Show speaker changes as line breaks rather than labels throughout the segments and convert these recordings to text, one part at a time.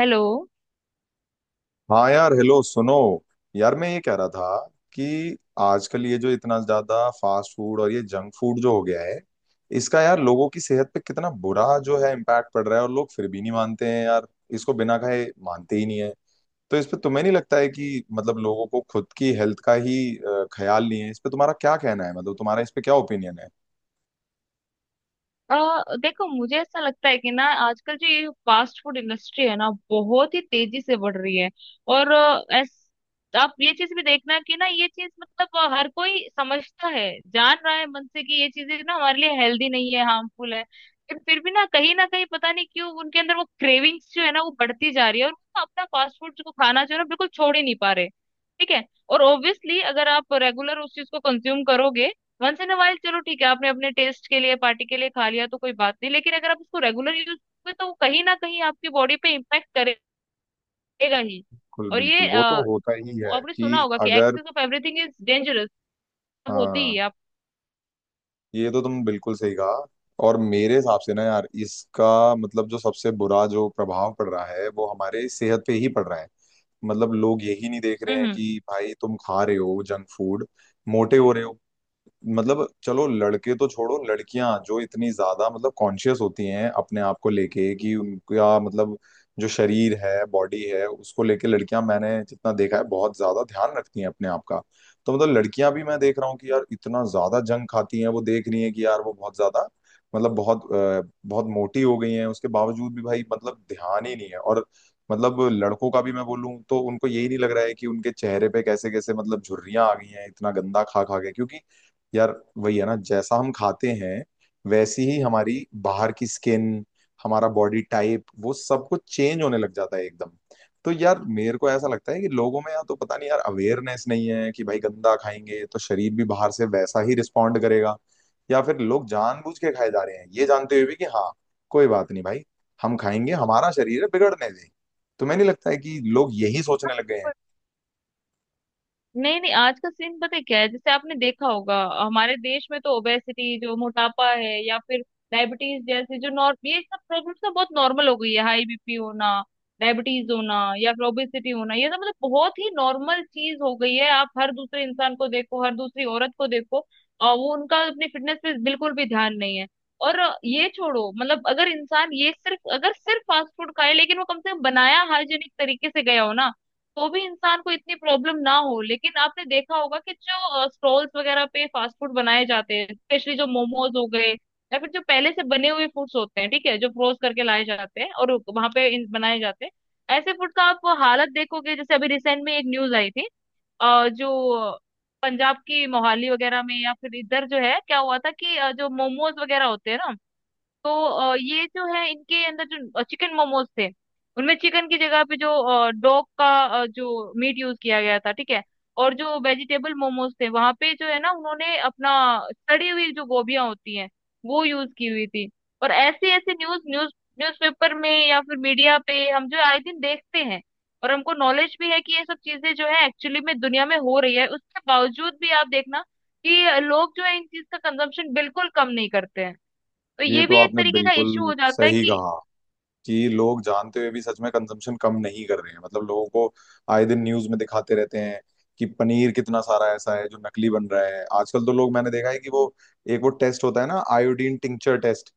Hello.
हाँ यार hello सुनो। यार मैं ये कह रहा था कि आजकल ये जो इतना ज्यादा फास्ट फूड और ये जंक फूड जो हो गया है इसका यार लोगों की सेहत पे कितना बुरा जो है इम्पैक्ट पड़ रहा है, और लोग फिर भी नहीं मानते हैं यार। इसको बिना खाए मानते ही नहीं है। तो इस पे तुम्हें नहीं लगता है कि मतलब लोगों को खुद की हेल्थ का ही ख्याल नहीं है? इस पे तुम्हारा क्या कहना है? मतलब तुम्हारा इस पे क्या ओपिनियन है?
अ देखो मुझे ऐसा लगता है कि ना आजकल जो ये फास्ट फूड इंडस्ट्री है ना बहुत ही तेजी से बढ़ रही है। और आप ये चीज भी देखना कि ना ये चीज मतलब हर कोई समझता है, जान रहा है मन से कि ये चीजें ना हमारे लिए हेल्दी नहीं है, हार्मफुल है, लेकिन फिर भी ना कहीं पता नहीं क्यों उनके अंदर वो क्रेविंग्स जो है ना वो बढ़ती जा रही है, और वो ना अपना फास्ट फूड को खाना जो है ना बिल्कुल छोड़ ही नहीं पा रहे। ठीक है, और ऑब्वियसली अगर आप रेगुलर उस चीज को कंज्यूम करोगे, वंस इन अ वाइल चलो ठीक है आपने अपने टेस्ट के लिए पार्टी के लिए खा लिया तो कोई बात नहीं, लेकिन अगर आप इसको रेगुलर यूज करोगे तो वो कहीं ना कहीं आपकी बॉडी पे इम्पैक्ट करेगा ही।
बिल्कुल
और
बिल्कुल, वो तो होता ही है
आपने
कि
सुना होगा कि
अगर।
Excess of everything is dangerous होती ही
हाँ।
है आप।
ये तो तुम बिल्कुल सही कहा। और मेरे हिसाब से ना यार इसका मतलब जो सबसे बुरा जो प्रभाव पड़ रहा है वो हमारे सेहत पे ही पड़ रहा है। मतलब लोग यही नहीं देख रहे
हम्म
हैं
हम्म
कि भाई तुम खा रहे हो जंक फूड, मोटे हो रहे हो। मतलब चलो लड़के तो छोड़ो, लड़कियां जो इतनी ज्यादा मतलब कॉन्शियस होती हैं अपने आप को लेके कि उनका मतलब जो शरीर है, बॉडी है, उसको लेके लड़कियां मैंने जितना देखा है बहुत ज्यादा ध्यान रखती हैं अपने आप का। तो मतलब लड़कियां भी मैं देख रहा हूँ कि यार इतना ज्यादा जंक खाती हैं, वो देख रही हैं कि यार वो बहुत ज्यादा मतलब बहुत बहुत मोटी हो गई हैं, उसके बावजूद भी भाई मतलब ध्यान ही नहीं है। और मतलब लड़कों का भी मैं बोलूं तो उनको यही नहीं लग रहा है कि उनके चेहरे पे कैसे कैसे मतलब झुर्रियां आ गई हैं इतना गंदा खा खा के, क्योंकि यार वही है ना जैसा हम खाते हैं वैसी ही हमारी बाहर की स्किन, हमारा बॉडी टाइप, वो सब कुछ चेंज होने लग जाता है एकदम। तो यार मेरे को ऐसा लगता है कि लोगों में या तो पता नहीं यार अवेयरनेस नहीं है कि भाई गंदा खाएंगे तो शरीर भी बाहर से वैसा ही रिस्पॉन्ड करेगा, या फिर लोग जानबूझ के खाए जा रहे हैं ये जानते हुए भी कि हाँ, कोई बात नहीं भाई, हम खाएंगे, हमारा शरीर है, बिगड़ने दें। तुम्हें नहीं लगता है कि लोग यही सोचने लग गए हैं?
नहीं नहीं, आज का सीन पता है क्या है? जैसे आपने देखा होगा हमारे देश में तो ओबेसिटी जो मोटापा है, या फिर डायबिटीज जैसे जो नॉर्म, ये सब प्रॉब्लम्स ना बहुत नॉर्मल हो गई है। हाई बीपी होना, डायबिटीज होना या फिर ओबेसिटी होना, ये सब मतलब बहुत ही नॉर्मल चीज हो गई है। आप हर दूसरे इंसान को देखो, हर दूसरी औरत को देखो, और वो उनका अपनी फिटनेस पे बिल्कुल भी ध्यान नहीं है। और ये छोड़ो, मतलब अगर इंसान ये सिर्फ, अगर सिर्फ फास्ट फूड खाए लेकिन वो कम से कम बनाया हाइजेनिक तरीके से गया हो ना, तो भी इंसान को इतनी प्रॉब्लम ना हो। लेकिन आपने देखा होगा कि जो स्टॉल्स वगैरह पे फास्ट फूड बनाए जाते हैं, स्पेशली जो मोमोज हो गए, या फिर जो पहले से बने हुए फूड्स होते हैं, ठीक है, जो फ्रोज करके लाए जाते हैं और वहां पे बनाए जाते हैं, ऐसे फूड का आप हालत देखोगे। जैसे अभी रिसेंट में एक न्यूज आई थी, जो पंजाब की मोहाली वगैरह में या फिर इधर जो है, क्या हुआ था कि जो मोमोज वगैरह होते हैं ना, तो ये जो है इनके अंदर जो चिकन मोमोज थे, उनमें चिकन की जगह पे जो डॉग का जो मीट यूज किया गया था, ठीक है। और जो वेजिटेबल मोमोज थे वहां पे जो है ना उन्होंने अपना सड़ी हुई जो गोभियां होती हैं वो यूज की हुई थी। और ऐसे ऐसे न्यूज न्यूज न्यूज़पेपर में या फिर मीडिया पे हम जो आए दिन देखते हैं, और हमको नॉलेज भी है कि ये सब चीजें जो है एक्चुअली में दुनिया में हो रही है, उसके बावजूद भी आप देखना कि लोग जो है इन चीज का कंजम्पशन बिल्कुल कम नहीं करते हैं। तो
ये
ये
तो
भी एक
आपने
तरीके का इश्यू
बिल्कुल
हो जाता है
सही
कि,
कहा कि लोग जानते हुए भी सच में कंजम्पशन कम नहीं कर रहे हैं, मतलब लोगों को आए दिन न्यूज में दिखाते रहते हैं कि पनीर कितना सारा ऐसा है जो नकली बन रहा है आजकल। तो लोग मैंने देखा है कि वो एक वो टेस्ट होता है ना, आयोडीन टिंचर टेस्ट,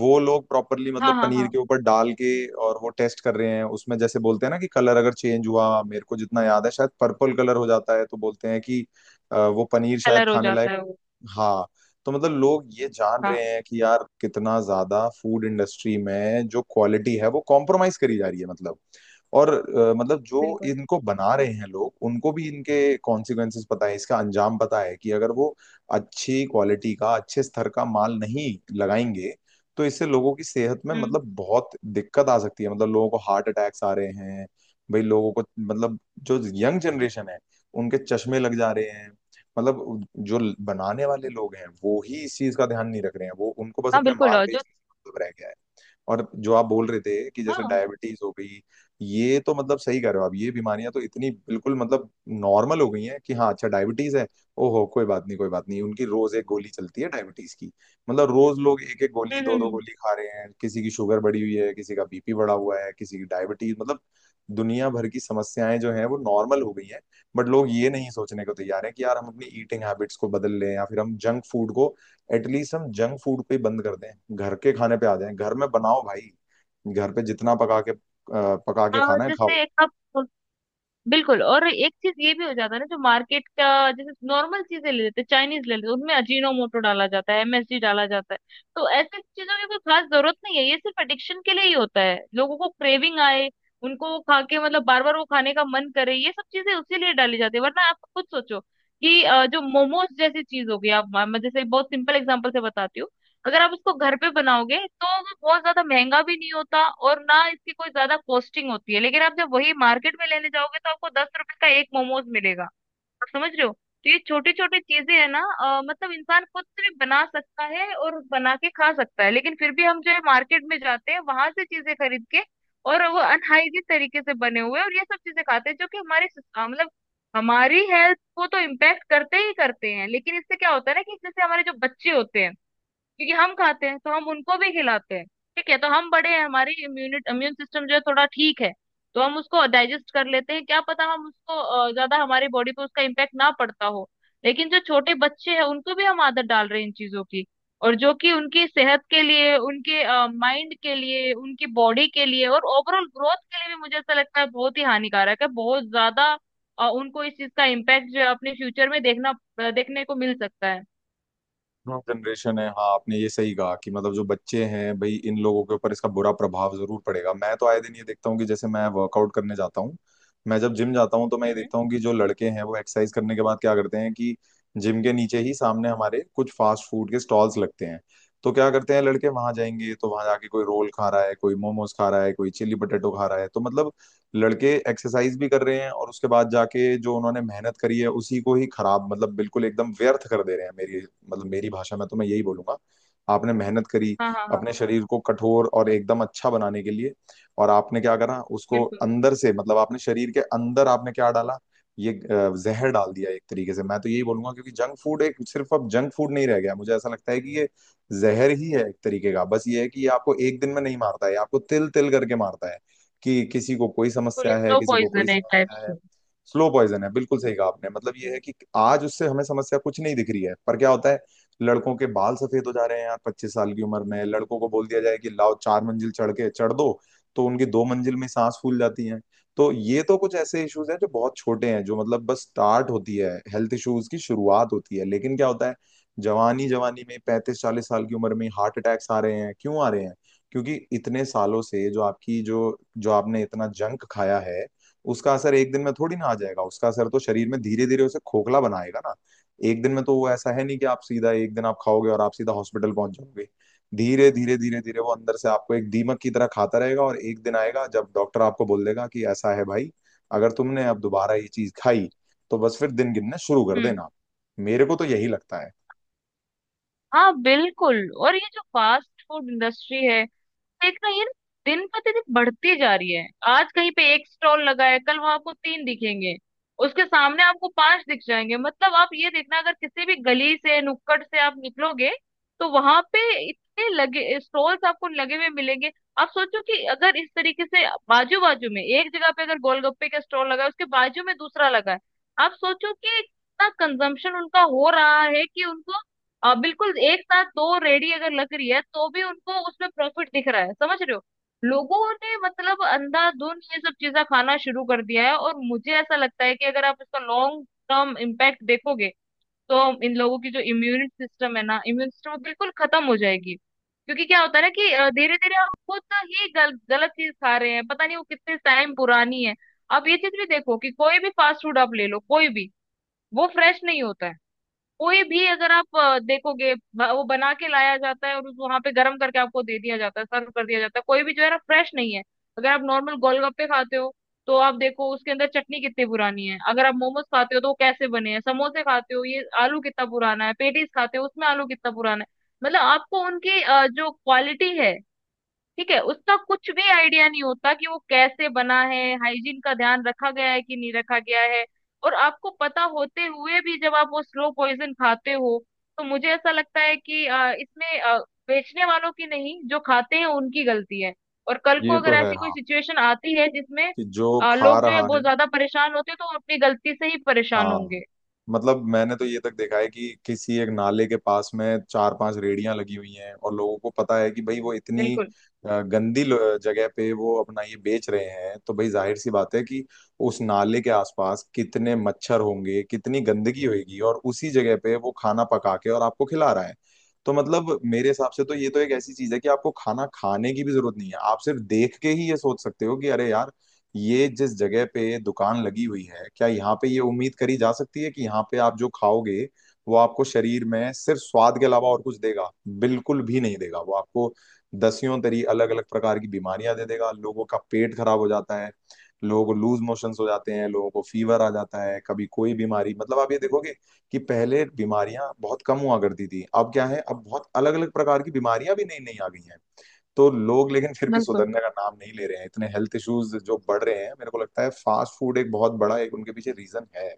वो लोग प्रॉपरली
हाँ
मतलब
हाँ
पनीर
हाँ,
के ऊपर डाल के और वो टेस्ट कर रहे हैं, उसमें जैसे बोलते हैं ना कि कलर अगर चेंज हुआ, मेरे को जितना याद है शायद पर्पल कलर हो जाता है, तो बोलते हैं कि वो पनीर शायद
कलर हो
खाने
जाता
लायक।
है वो।
हाँ। तो मतलब लोग ये जान
हाँ,
रहे हैं कि यार कितना ज्यादा फूड इंडस्ट्री में जो क्वालिटी है वो कॉम्प्रोमाइज करी जा रही है मतलब। और मतलब जो
बिल्कुल।
इनको बना रहे हैं लोग उनको भी इनके कॉन्सिक्वेंसेस पता है, इसका अंजाम पता है कि अगर वो अच्छी क्वालिटी का, अच्छे स्तर का माल नहीं लगाएंगे तो इससे लोगों की सेहत में
हम्म।
मतलब बहुत दिक्कत आ सकती है। मतलब लोगों को हार्ट अटैक्स आ रहे हैं, भाई लोगों को मतलब जो यंग जनरेशन है, उनके चश्मे लग जा रहे हैं। मतलब जो बनाने वाले लोग हैं वो ही इस चीज का ध्यान नहीं रख रहे हैं, वो उनको बस
हाँ
अपने
बिल्कुल,
माल
और जो,
बेचने से मतलब रह गया है। और जो आप बोल रहे थे कि जैसे
हाँ।
डायबिटीज हो गई, ये तो मतलब सही कह रहे हो आप, ये बीमारियां तो इतनी बिल्कुल मतलब नॉर्मल हो गई हैं कि हाँ अच्छा डायबिटीज है, ओहो कोई बात नहीं, कोई बात नहीं, उनकी रोज एक गोली चलती है डायबिटीज की। मतलब रोज लोग एक एक गोली,
हम्म
दो
हम्म
दो
हम्म।
गोली खा रहे हैं, किसी की शुगर बढ़ी हुई है, किसी का बीपी बढ़ा हुआ है, किसी की डायबिटीज मतलब दुनिया भर की समस्याएं जो हैं वो नॉर्मल हो गई हैं। बट लोग ये नहीं सोचने को तैयार हैं कि यार हम अपनी ईटिंग हैबिट्स को बदल लें, या फिर हम जंक फूड को, एटलीस्ट हम जंक फूड पे बंद कर दें, घर के खाने पे आ जाएं, घर में बनाओ भाई, घर पे जितना पका के पका के
और
खाना है खाओ।
जैसे कप, बिल्कुल, और एक चीज ये भी हो जाता है ना, जो मार्केट का, जैसे नॉर्मल चीजें ले लेते हैं, चाइनीज ले लेते हैं, उनमें अजीनोमोटो डाला जाता है, एमएसजी डाला जाता है। तो ऐसे चीजों की कोई खास जरूरत नहीं है, ये सिर्फ एडिक्शन के लिए ही होता है, लोगों को क्रेविंग आए, उनको वो खा के मतलब बार बार वो खाने का मन करे, ये सब चीजें उसी लिए डाली जाती है। वरना आप खुद सोचो कि जो मोमोज जैसी चीज हो गई, आप, मैं जैसे बहुत सिंपल एग्जांपल से बताती हूँ, अगर आप उसको घर पे बनाओगे तो वो बहुत ज्यादा महंगा भी नहीं होता और ना इसकी कोई ज्यादा कॉस्टिंग होती है, लेकिन आप जब वही मार्केट में लेने जाओगे तो आपको 10 रुपए का एक मोमोज मिलेगा, आप समझ रहे हो। तो ये छोटी छोटी चीजें है ना, मतलब इंसान खुद से भी बना सकता है और बना के खा सकता है, लेकिन फिर भी हम जो है मार्केट में जाते हैं, वहां से चीजें खरीद के, और वो अनहाइजीन तरीके से बने हुए, और ये सब चीजें खाते हैं, जो कि हमारे अ, मतलब हमारी हेल्थ को तो इम्पेक्ट करते ही करते हैं, लेकिन इससे क्या होता है ना कि जैसे हमारे जो बच्चे होते हैं, क्योंकि हम खाते हैं तो हम उनको भी खिलाते हैं। ठीक है, तो हम बड़े हैं, हमारी इम्यून सिस्टम जो है थोड़ा ठीक है, तो हम उसको डाइजेस्ट कर लेते हैं, क्या पता हम उसको ज्यादा हमारी बॉडी पे उसका इम्पैक्ट ना पड़ता हो। लेकिन जो छोटे बच्चे हैं उनको भी हम आदत डाल रहे हैं इन चीजों की, और जो कि उनकी सेहत के लिए, उनके माइंड के लिए, उनकी बॉडी के लिए और ओवरऑल ग्रोथ के लिए भी मुझे ऐसा लगता है बहुत ही हानिकारक है, बहुत ज्यादा। उनको इस चीज का इम्पैक्ट जो है अपने फ्यूचर में देखना, देखने को मिल सकता है।
हाँ जनरेशन है, हाँ आपने ये सही कहा कि मतलब जो बच्चे हैं भाई, इन लोगों के ऊपर इसका बुरा प्रभाव जरूर पड़ेगा। मैं तो आए दिन ये देखता हूँ कि जैसे मैं वर्कआउट करने जाता हूँ, मैं जब जिम जाता हूँ तो मैं ये
हम्म।
देखता हूँ कि जो लड़के हैं वो एक्सरसाइज करने के बाद क्या करते हैं कि जिम के नीचे ही सामने हमारे कुछ फास्ट फूड के स्टॉल्स लगते हैं, तो क्या करते हैं लड़के, वहां जाएंगे तो वहां जाके कोई रोल खा रहा है, कोई मोमोज खा रहा है, कोई चिली पटेटो खा रहा है। तो मतलब लड़के एक्सरसाइज भी कर रहे हैं और उसके बाद जाके जो उन्होंने मेहनत करी है उसी को ही खराब, मतलब बिल्कुल एकदम व्यर्थ कर दे रहे हैं, मेरी मतलब मेरी भाषा में तो मैं यही बोलूंगा। आपने मेहनत करी
हाँ हाँ हाँ,
अपने शरीर को कठोर और एकदम अच्छा बनाने के लिए, और आपने क्या करा, उसको
बिल्कुल।
अंदर से मतलब आपने शरीर के अंदर आपने क्या डाला, ये जहर डाल दिया एक तरीके से, मैं तो यही बोलूंगा, क्योंकि जंक फूड एक सिर्फ अब जंक फूड नहीं रह गया, मुझे ऐसा लगता है कि ये जहर ही है एक तरीके का। बस ये है कि ये आपको एक दिन में नहीं मारता है, ये आपको तिल तिल करके मारता है, कि किसी को कोई
बिल्कुल
समस्या है,
स्लो
किसी को कोई
पॉइजन है एक टाइप
समस्या है।
से।
स्लो पॉइजन है, बिल्कुल सही कहा आपने, मतलब ये है कि आज उससे हमें समस्या कुछ नहीं दिख रही है पर क्या होता है, लड़कों के बाल सफेद हो जा रहे हैं यार 25 साल की उम्र में, लड़कों को बोल दिया जाए कि लाओ 4 मंजिल चढ़ के चढ़ दो तो उनकी 2 मंजिल में सांस फूल जाती है। तो ये तो कुछ ऐसे इश्यूज हैं जो बहुत छोटे हैं, जो मतलब बस स्टार्ट होती है, हेल्थ इश्यूज की शुरुआत होती है, लेकिन क्या होता है, जवानी जवानी में 35-40 साल की उम्र में हार्ट अटैक्स आ रहे हैं, क्यों आ रहे हैं? क्योंकि इतने सालों से जो आपकी जो जो आपने इतना जंक खाया है, उसका असर एक दिन में थोड़ी ना आ जाएगा, उसका असर तो शरीर में धीरे धीरे उसे खोखला बनाएगा ना। एक दिन में तो वो ऐसा है नहीं कि आप सीधा एक दिन आप खाओगे और आप सीधा हॉस्पिटल पहुंच जाओगे, धीरे धीरे धीरे धीरे वो अंदर से आपको एक दीमक की तरह खाता रहेगा, और एक दिन आएगा जब डॉक्टर आपको बोल देगा कि ऐसा है भाई, अगर तुमने अब दोबारा ये चीज खाई तो बस फिर दिन गिनना शुरू कर
हम्म।
देना। मेरे को तो यही लगता है।
हाँ बिल्कुल, और ये जो फास्ट फूड इंडस्ट्री है, देखना ये ना दिन प्रतिदिन बढ़ती जा रही है। आज कहीं पे एक स्टॉल लगा है, कल वहां आपको तीन दिखेंगे, उसके सामने आपको पांच दिख जाएंगे। मतलब आप ये देखना, अगर किसी भी गली से, नुक्कड़ से आप निकलोगे तो वहां पे इतने लगे स्टॉल्स आपको लगे हुए मिलेंगे। आप सोचो कि अगर इस तरीके से बाजू बाजू में एक जगह पे अगर गोलगप्पे का स्टॉल लगा है, उसके बाजू में दूसरा लगा है, आप सोचो कि इतना कंजम्पशन उनका हो रहा है कि उनको बिल्कुल एक साथ दो रेडी अगर लग रही है तो भी उनको उसमें प्रॉफिट दिख रहा है, समझ रहे हो। लोगों ने मतलब अंधाधुंध ये सब चीजें खाना शुरू कर दिया है, और मुझे ऐसा लगता है कि अगर आप इसका लॉन्ग टर्म इम्पैक्ट देखोगे तो इन लोगों की जो इम्यून सिस्टम है ना, इम्यून सिस्टम बिल्कुल खत्म हो जाएगी। क्योंकि क्या होता है ना कि धीरे धीरे हम खुद ही गलत चीज खा रहे हैं, पता नहीं वो कितने टाइम पुरानी है। आप ये चीज भी देखो कि कोई भी फास्ट फूड आप ले लो, कोई भी वो फ्रेश नहीं होता है। कोई भी अगर आप देखोगे, वो बना के लाया जाता है और वहां पे गर्म करके आपको दे दिया जाता है, सर्व कर दिया जाता है, कोई भी जो है ना फ्रेश नहीं है। अगर आप नॉर्मल गोलगप्पे खाते हो तो आप देखो उसके अंदर चटनी कितनी पुरानी है, अगर आप मोमोज खाते हो तो वो कैसे बने हैं, समोसे खाते हो ये आलू कितना पुराना है, पेटीज खाते हो उसमें आलू कितना पुराना है। मतलब आपको उनकी जो क्वालिटी है, ठीक है, उसका कुछ भी आइडिया नहीं होता कि वो कैसे बना है, हाइजीन का ध्यान रखा गया है कि नहीं रखा गया है। और आपको पता होते हुए भी जब आप वो स्लो पॉइजन खाते हो, तो मुझे ऐसा लगता है कि इसमें बेचने वालों की नहीं, जो खाते हैं उनकी गलती है। और कल को
ये तो
अगर
है
ऐसी कोई
हाँ,
सिचुएशन आती है जिसमें
कि जो खा
लोग जो है
रहा है।
बहुत ज्यादा परेशान होते हैं, तो वो अपनी गलती से ही परेशान होंगे।
हाँ, मतलब मैंने तो ये तक देखा है कि किसी एक नाले के पास में 4-5 रेड़ियां लगी हुई हैं, और लोगों को पता है कि भाई वो इतनी
बिल्कुल
गंदी जगह पे वो अपना ये बेच रहे हैं, तो भाई जाहिर सी बात है कि उस नाले के आसपास कितने मच्छर होंगे, कितनी गंदगी होगी, और उसी जगह पे वो खाना पका के और आपको खिला रहा है। तो मतलब मेरे हिसाब से तो ये तो एक ऐसी चीज है कि आपको खाना खाने की भी जरूरत नहीं है, आप सिर्फ देख के ही ये सोच सकते हो कि अरे यार ये जिस जगह पे दुकान लगी हुई है, क्या यहाँ पे ये उम्मीद करी जा सकती है कि यहाँ पे आप जो खाओगे वो आपको शरीर में सिर्फ स्वाद के अलावा और कुछ देगा? बिल्कुल भी नहीं देगा वो आपको। दसियों तरी अलग अलग प्रकार की बीमारियां दे देगा, लोगों का पेट खराब हो जाता है, लोगों को लूज मोशंस हो जाते हैं, लोगों को फीवर आ जाता है, कभी कोई बीमारी मतलब। आप ये देखोगे कि पहले बीमारियां बहुत कम हुआ करती थी, अब क्या है, अब बहुत अलग अलग प्रकार की बीमारियां भी नई नई आ गई हैं। तो लोग लेकिन फिर भी
बिल्कुल
सुधरने का नाम नहीं ले रहे हैं, इतने हेल्थ इश्यूज जो बढ़ रहे हैं, मेरे को लगता है फास्ट फूड एक बहुत बड़ा एक उनके पीछे रीजन है।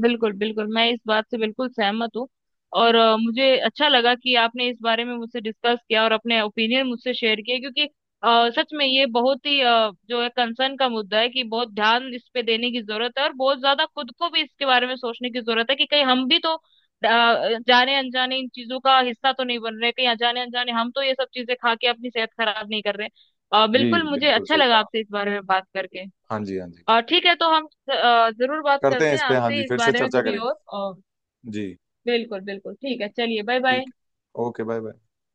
बिल्कुल बिल्कुल मैं इस बात से बिल्कुल सहमत हूँ। और मुझे अच्छा लगा कि आपने इस बारे में मुझसे डिस्कस किया और अपने ओपिनियन मुझसे शेयर किए, क्योंकि सच में ये बहुत ही जो है कंसर्न का मुद्दा है कि बहुत ध्यान इस पे देने की जरूरत है, और बहुत ज्यादा खुद को भी इसके बारे में सोचने की जरूरत है कि कहीं हम भी तो जाने अनजाने इन चीजों का हिस्सा तो नहीं बन रहे, कहीं अनजाने अनजाने हम तो ये सब चीजें खा के अपनी सेहत खराब नहीं कर रहे।
जी,
बिल्कुल, मुझे
बिल्कुल
अच्छा
सही
लगा
कहा।
आपसे इस बारे में बात करके।
हाँ जी, हाँ जी।
और ठीक है, तो हम जरूर बात
करते हैं
करते हैं
इस पे, हाँ
आपसे
जी
इस
फिर से
बारे में
चर्चा
कभी
करेंगे।
और। और
जी।
बिल्कुल बिल्कुल, ठीक है, चलिए बाय बाय।
ठीक है, ओके बाय बाय।